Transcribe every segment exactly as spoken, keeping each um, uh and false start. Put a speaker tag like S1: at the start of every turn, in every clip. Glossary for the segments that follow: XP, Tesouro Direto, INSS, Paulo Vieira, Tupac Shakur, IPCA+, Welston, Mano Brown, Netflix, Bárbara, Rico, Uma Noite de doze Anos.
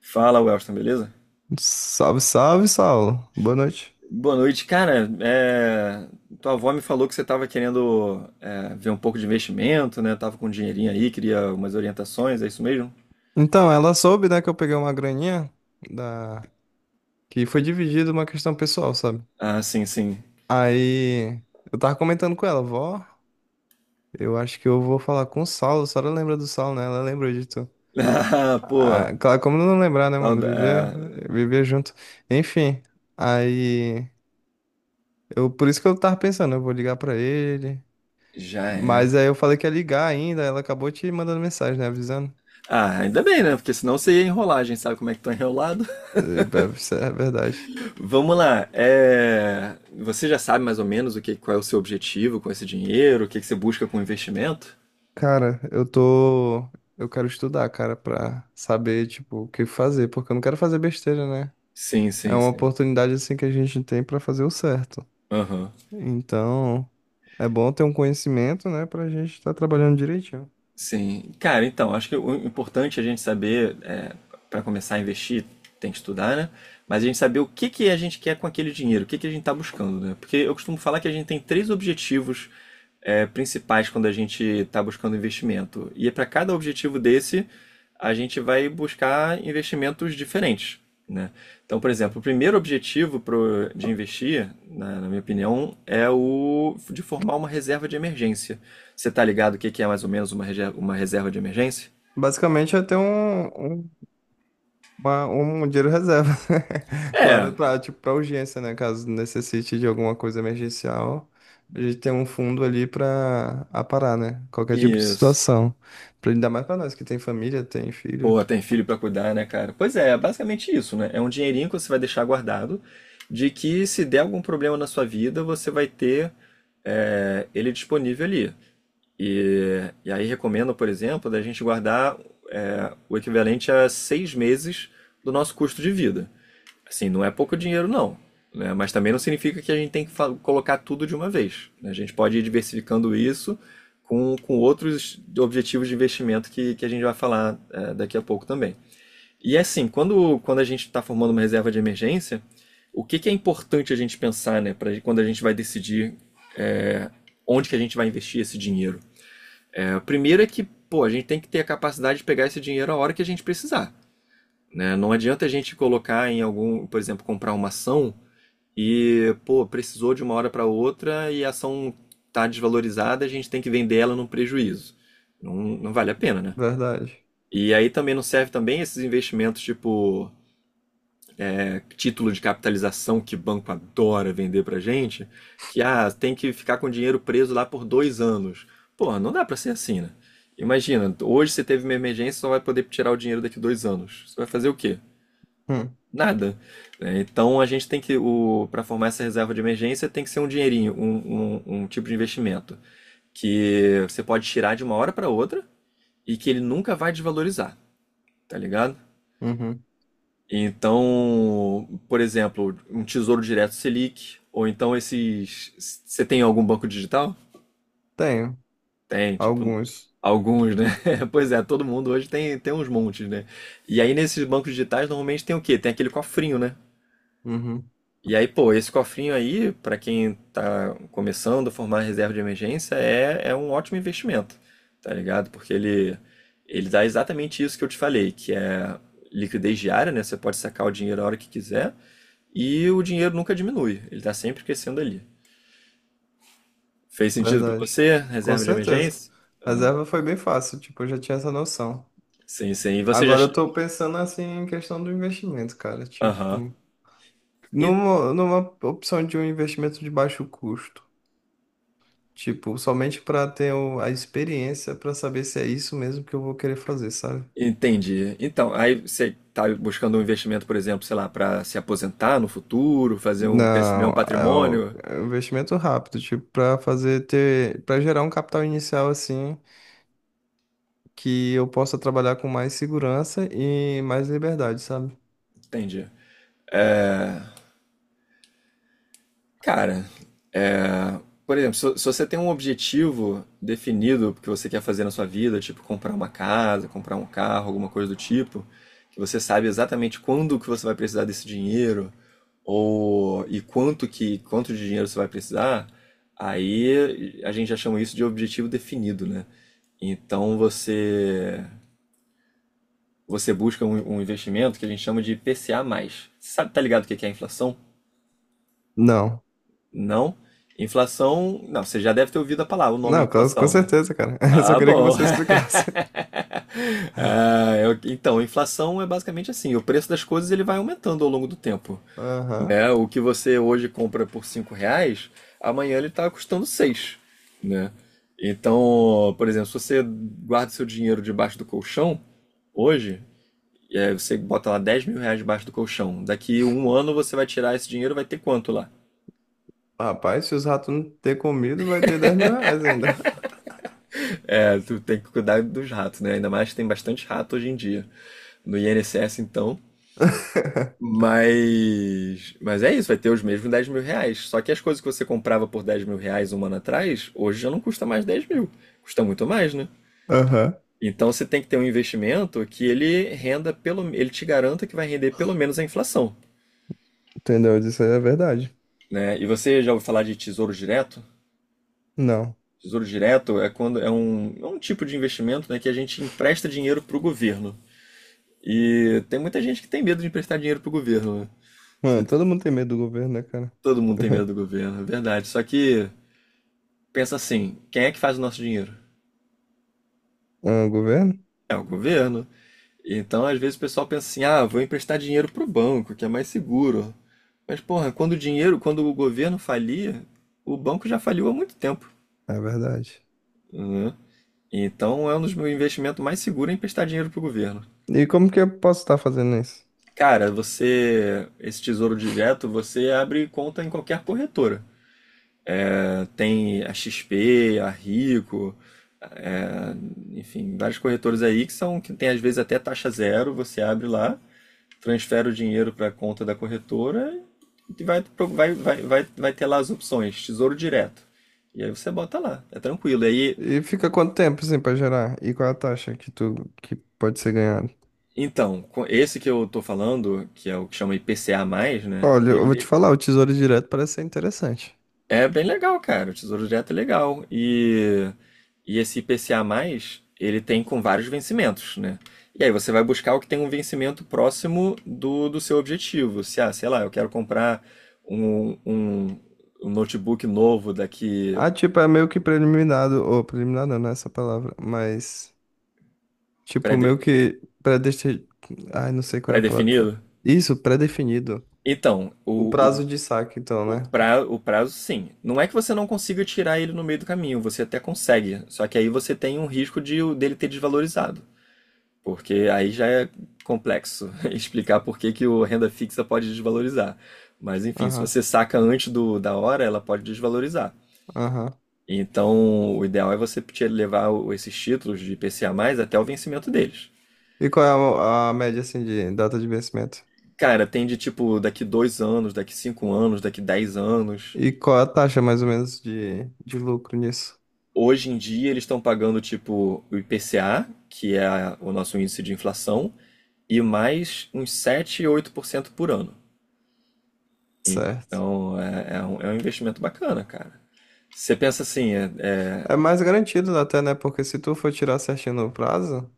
S1: Fala, Welston, beleza?
S2: Salve, salve, Saulo. Boa noite.
S1: Boa noite, cara. é, Tua avó me falou que você estava querendo é, ver um pouco de investimento, né? Tava com um dinheirinho aí, queria umas orientações, é isso mesmo?
S2: Então, ela soube, né, que eu peguei uma graninha da que foi dividida uma questão pessoal, sabe?
S1: Ah, sim, sim.
S2: Aí eu tava comentando com ela, vó, eu acho que eu vou falar com o Saulo. A senhora lembra do Saulo, né? Ela lembrou de tu.
S1: Ah, pô,
S2: Ah, claro, como não lembrar, né, mano?
S1: sauda-
S2: Viver,
S1: ah,
S2: viver junto. Enfim, aí eu por isso que eu tava pensando, eu vou ligar pra ele.
S1: já é.
S2: Mas aí eu falei que ia ligar ainda, ela acabou te mandando mensagem, né, avisando.
S1: Ah, ainda bem, né? Porque senão você ia enrolar, a gente sabe como é que tá enrolado.
S2: Eh, Isso é verdade.
S1: Vamos lá. é, Você já sabe mais ou menos o que, qual é o seu objetivo com esse dinheiro, o que que você busca com o investimento?
S2: Cara, eu tô. Eu quero estudar, cara, pra saber, tipo, o que fazer, porque eu não quero fazer besteira, né?
S1: Sim,
S2: É
S1: sim,
S2: uma
S1: sim.
S2: oportunidade, assim, que a gente tem pra fazer o certo.
S1: Aham.
S2: Então, é bom ter um conhecimento, né, pra gente estar trabalhando direitinho.
S1: Sim, cara, então, acho que o importante é a gente saber, é, para começar a investir, tem que estudar, né? Mas a gente saber o que que a gente quer com aquele dinheiro, o que que a gente está buscando, né? Porque eu costumo falar que a gente tem três objetivos, é, principais quando a gente está buscando investimento. E para cada objetivo desse, a gente vai buscar investimentos diferentes, né? Então, por exemplo, o
S2: Aham.
S1: primeiro objetivo pro, de investir, na, na minha opinião, é o de formar uma reserva de emergência. Você tá ligado o que que é mais ou menos uma, rege- uma reserva de emergência?
S2: Basicamente, é ter um, um Uma- um dinheiro reserva. Claro,
S1: É,
S2: para tipo, para urgência, né? Caso necessite de alguma coisa emergencial, a gente tem um fundo ali para aparar, né? Qualquer tipo de
S1: isso.
S2: situação. Pra ainda mais para nós que tem família, tem filho.
S1: Pô, tem filho pra cuidar, né, cara? Pois é, é basicamente isso, né? É um dinheirinho que você vai deixar guardado, de que se der algum problema na sua vida, você vai ter é, ele disponível ali. E, e aí recomendo, por exemplo, da gente guardar é, o equivalente a seis meses do nosso custo de vida. Assim, não é pouco dinheiro, não. Né? Mas também não significa que a gente tem que fa- colocar tudo de uma vez. Né? A gente pode ir diversificando isso com, com outros objetivos de investimento que, que a gente vai falar eh, daqui a pouco também. E é assim, quando, quando a gente está formando uma reserva de emergência, o que, que é importante a gente pensar né, pra, quando a gente vai decidir eh, onde que a gente vai investir esse dinheiro? Eh, primeiro é que pô, a gente tem que ter a capacidade de pegar esse dinheiro a hora que a gente precisar. Né? Não adianta a gente colocar em algum, por exemplo, comprar uma ação e, pô, precisou de uma hora para outra e a ação tá desvalorizada, a gente tem que vender ela num prejuízo. Não, não vale a pena, né?
S2: Verdade.
S1: E aí também não serve também esses investimentos tipo é, título de capitalização que banco adora vender pra gente, que ah, tem que ficar com o dinheiro preso lá por dois anos. Pô, não dá pra ser assim, né? Imagina, hoje você teve uma emergência, e só vai poder tirar o dinheiro daqui dois anos. Você vai fazer o quê?
S2: Hum,
S1: Nada. Né? Então a gente tem que, o, para formar essa reserva de emergência, tem que ser um dinheirinho, um, um, um tipo de investimento que você pode tirar de uma hora para outra e que ele nunca vai desvalorizar, tá ligado?
S2: uhum.
S1: Então, por exemplo, um tesouro direto Selic, ou então esses. Você tem algum banco digital?
S2: Tenho
S1: Tem, tipo,
S2: alguns.
S1: alguns, né? Pois é, todo mundo hoje tem, tem uns montes, né? E aí nesses bancos digitais normalmente tem o quê? Tem aquele cofrinho, né?
S2: Uhum.
S1: E aí, pô, esse cofrinho aí, para quem tá começando a formar reserva de emergência, é, é um ótimo investimento, tá ligado? Porque ele, ele dá exatamente isso que eu te falei, que é liquidez diária, né? Você pode sacar o dinheiro a hora que quiser e o dinheiro nunca diminui, ele tá sempre crescendo ali. Fez sentido para
S2: Verdade.
S1: você,
S2: Com
S1: reserva de
S2: certeza.
S1: emergência? Ah,
S2: Reserva foi bem fácil, tipo, eu já tinha essa noção.
S1: sim, sim. E você já.
S2: Agora eu
S1: che-
S2: tô pensando assim em questão do investimento, cara. Tipo.
S1: Aham.
S2: Numa, numa opção de um investimento de baixo custo. Tipo, somente para ter o- a experiência para saber se é isso mesmo que eu vou querer fazer, sabe?
S1: Entendi. Então, aí você está buscando um investimento, por exemplo, sei lá, para se aposentar no futuro, fazer um crescimento,
S2: Não,
S1: um
S2: é o-
S1: patrimônio.
S2: é um investimento rápido, tipo, para fazer ter, para gerar um capital inicial assim, que eu possa trabalhar com mais segurança e mais liberdade, sabe?
S1: Entendi. É, Cara, é, por exemplo, se, se você tem um objetivo definido que você quer fazer na sua vida, tipo comprar uma casa, comprar um carro, alguma coisa do tipo, que você sabe exatamente quando que você vai precisar desse dinheiro, ou e quanto que quanto de dinheiro você vai precisar, aí a gente já chama isso de objetivo definido, né? Então você você busca um, um investimento que a gente chama de P C A mais. Você sabe, tá ligado o que que é a inflação?
S2: Não.
S1: Não? Inflação. Não, você já deve ter ouvido a palavra, o nome é
S2: Não, com, com
S1: inflação, né?
S2: certeza, cara. Eu só
S1: Ah,
S2: queria que
S1: bom.
S2: você explicasse.
S1: Ah, eu- então, inflação é basicamente assim, o preço das coisas ele vai aumentando ao longo do tempo,
S2: Aham.
S1: né? O que você hoje compra por cinco reais, amanhã ele está custando seis, né? Então, por exemplo, se você guarda seu dinheiro debaixo do colchão, hoje, e aí você bota lá dez mil reais debaixo do colchão, daqui um ano você vai tirar esse dinheiro, vai ter quanto lá?
S2: Rapaz, se os ratos não ter comido, vai ter dez mil reais ainda.
S1: É, tu tem que cuidar dos ratos, né? Ainda mais que tem bastante rato hoje em dia no I N S S, então. Mas, mas é isso, vai ter os mesmos dez mil reais. Só que as coisas que você comprava por dez mil reais um ano atrás, hoje já não custa mais dez mil. Custa muito mais, né?
S2: Aham.
S1: Então você tem que ter um investimento que ele renda pelo, ele te garanta que vai render pelo menos a inflação,
S2: Entendeu? Isso aí é verdade.
S1: né? E você já ouviu falar de tesouro direto?
S2: Não.
S1: Tesouro direto é quando é um, é um tipo de investimento, né, que a gente empresta dinheiro para o governo. E tem muita gente que tem medo de emprestar dinheiro pro governo. Né? Você
S2: Mano,
S1: te-
S2: todo mundo tem medo do governo, né, cara?
S1: Todo mundo tem medo do governo, é verdade. Só que pensa assim, quem é que faz o nosso dinheiro?
S2: Ah, governo?
S1: É o governo. Então, às vezes o pessoal pensa assim: "Ah, vou emprestar dinheiro pro banco, que é mais seguro". Mas porra, quando o dinheiro, quando o governo falia, o banco já faliu há muito tempo,
S2: É verdade.
S1: né? Então, é um dos meus investimentos mais seguros é emprestar dinheiro pro governo.
S2: E como que eu posso estar fazendo isso?
S1: Cara, você, esse Tesouro Direto, você abre conta em qualquer corretora. Tem a X P, a Rico, é, enfim, vários corretores aí que são que tem às vezes até taxa zero, você abre lá, transfere o dinheiro para a conta da corretora e vai, pro- vai, vai, vai, vai ter lá as opções, tesouro direto. E aí você bota lá, é tranquilo. E aí,
S2: E fica quanto tempo, assim, pra gerar? E qual é a taxa que tu que pode ser ganhada?
S1: então, com- esse que eu tô falando, que é o que chama I P C A mais, né?
S2: Olha, eu vou te
S1: Ele,
S2: falar, o Tesouro Direto parece ser interessante.
S1: é bem legal, cara. O Tesouro Direto é legal. E, e esse I P C A mais, ele tem com vários vencimentos, né? E aí você vai buscar o que tem um vencimento próximo do, do seu objetivo. Se, ah, sei lá, eu quero comprar um, um, um notebook novo daqui
S2: Ah, tipo, é meio que preliminado, ou preliminar não, não é essa palavra, mas, tipo,
S1: pré-de-
S2: meio que predestinado, ai, não sei qual é a palavra.
S1: pré-definido.
S2: Isso, pré-definido.
S1: Então,
S2: O
S1: o, o,
S2: prazo de saque, então,
S1: o,
S2: né?
S1: pra, o prazo, sim. Não é que você não consiga tirar ele no meio do caminho, você até consegue. Só que aí você tem um risco de o- dele ter desvalorizado. Porque aí já é complexo explicar por que que o renda fixa pode desvalorizar. Mas enfim, se
S2: Aham,
S1: você saca antes do, da hora, ela pode desvalorizar.
S2: aham.
S1: Então, o ideal é você te- levar o- esses títulos de I P C A até o vencimento deles.
S2: E qual é a, a média, assim, de data de vencimento?
S1: Cara, tem de tipo daqui dois anos, daqui cinco anos, daqui dez anos.
S2: E qual é a taxa, mais ou menos, de, de lucro nisso?
S1: Hoje em dia eles estão pagando tipo o I P C A, que é a- o nosso índice de inflação, e mais uns sete e oito por cento por ano.
S2: Certo.
S1: Então é, é um, é um investimento bacana, cara. Você pensa assim, é,
S2: É mais garantido até, né? Porque se tu for tirar certinho no prazo,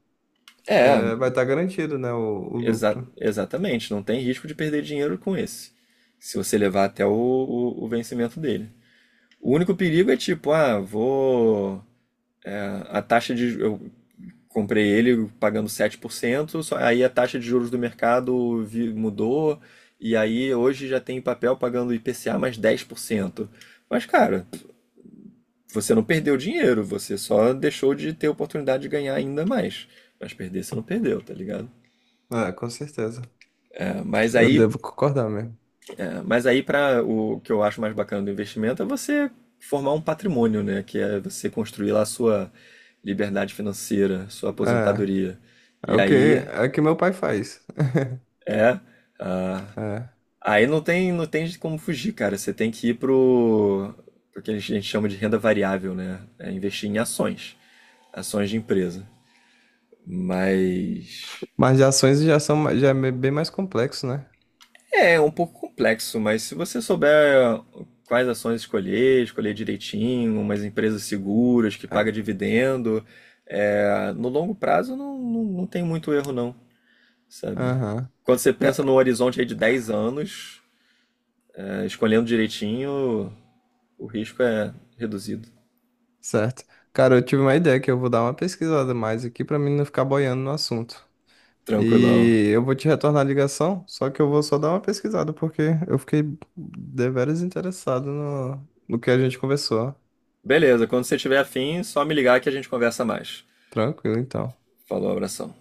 S1: é, é,
S2: é, vai estar garantido, né? O, o
S1: exa-
S2: lucro.
S1: exatamente, não tem risco de perder dinheiro com esse, se você levar até o, o- o vencimento dele. O único perigo é tipo, ah, vou. A, a taxa de. Eu comprei ele pagando sete por cento, só, aí a taxa de juros do mercado vi- mudou, e aí hoje já tem papel pagando I P C A mais dez por cento. Mas, cara, você não perdeu dinheiro, você só deixou de ter oportunidade de ganhar ainda mais. Mas perder você não perdeu, tá ligado?
S2: É, com certeza.
S1: É, mas
S2: Eu
S1: aí,
S2: devo concordar mesmo.
S1: é, mas aí para o que eu acho mais bacana do investimento é você formar um patrimônio, né? Que é você construir lá a sua liberdade financeira, sua
S2: É,
S1: aposentadoria.
S2: é
S1: E
S2: o que,
S1: aí
S2: é o que meu pai faz.
S1: é, ah,
S2: É.
S1: aí não tem, não tem como fugir, cara. Você tem que ir pro, pro que a gente a gente chama de renda variável, né? É investir em ações, ações de empresa. Mas
S2: Mas de ações já são, ma- já é me- bem mais complexo, né?
S1: é, é um pouco complexo, mas se você souber quais ações escolher, escolher direitinho, umas empresas seguras que
S2: É.
S1: paga dividendo, é, no longo prazo não, não, não tem muito erro não, sabe?
S2: Aham.
S1: Quando você pensa no
S2: Ca-
S1: horizonte aí de dez anos, é, escolhendo direitinho, o risco é reduzido.
S2: Certo. Cara, eu tive uma ideia que eu vou dar uma pesquisada mais aqui pra mim não ficar boiando no assunto.
S1: Tranquilão.
S2: E eu vou te retornar a ligação, só que eu vou só dar uma pesquisada, porque eu fiquei deveras interessado no, no que a gente conversou.
S1: Beleza, quando você tiver afim, só me ligar que a gente conversa mais.
S2: Tranquilo, então.
S1: Falou, abração.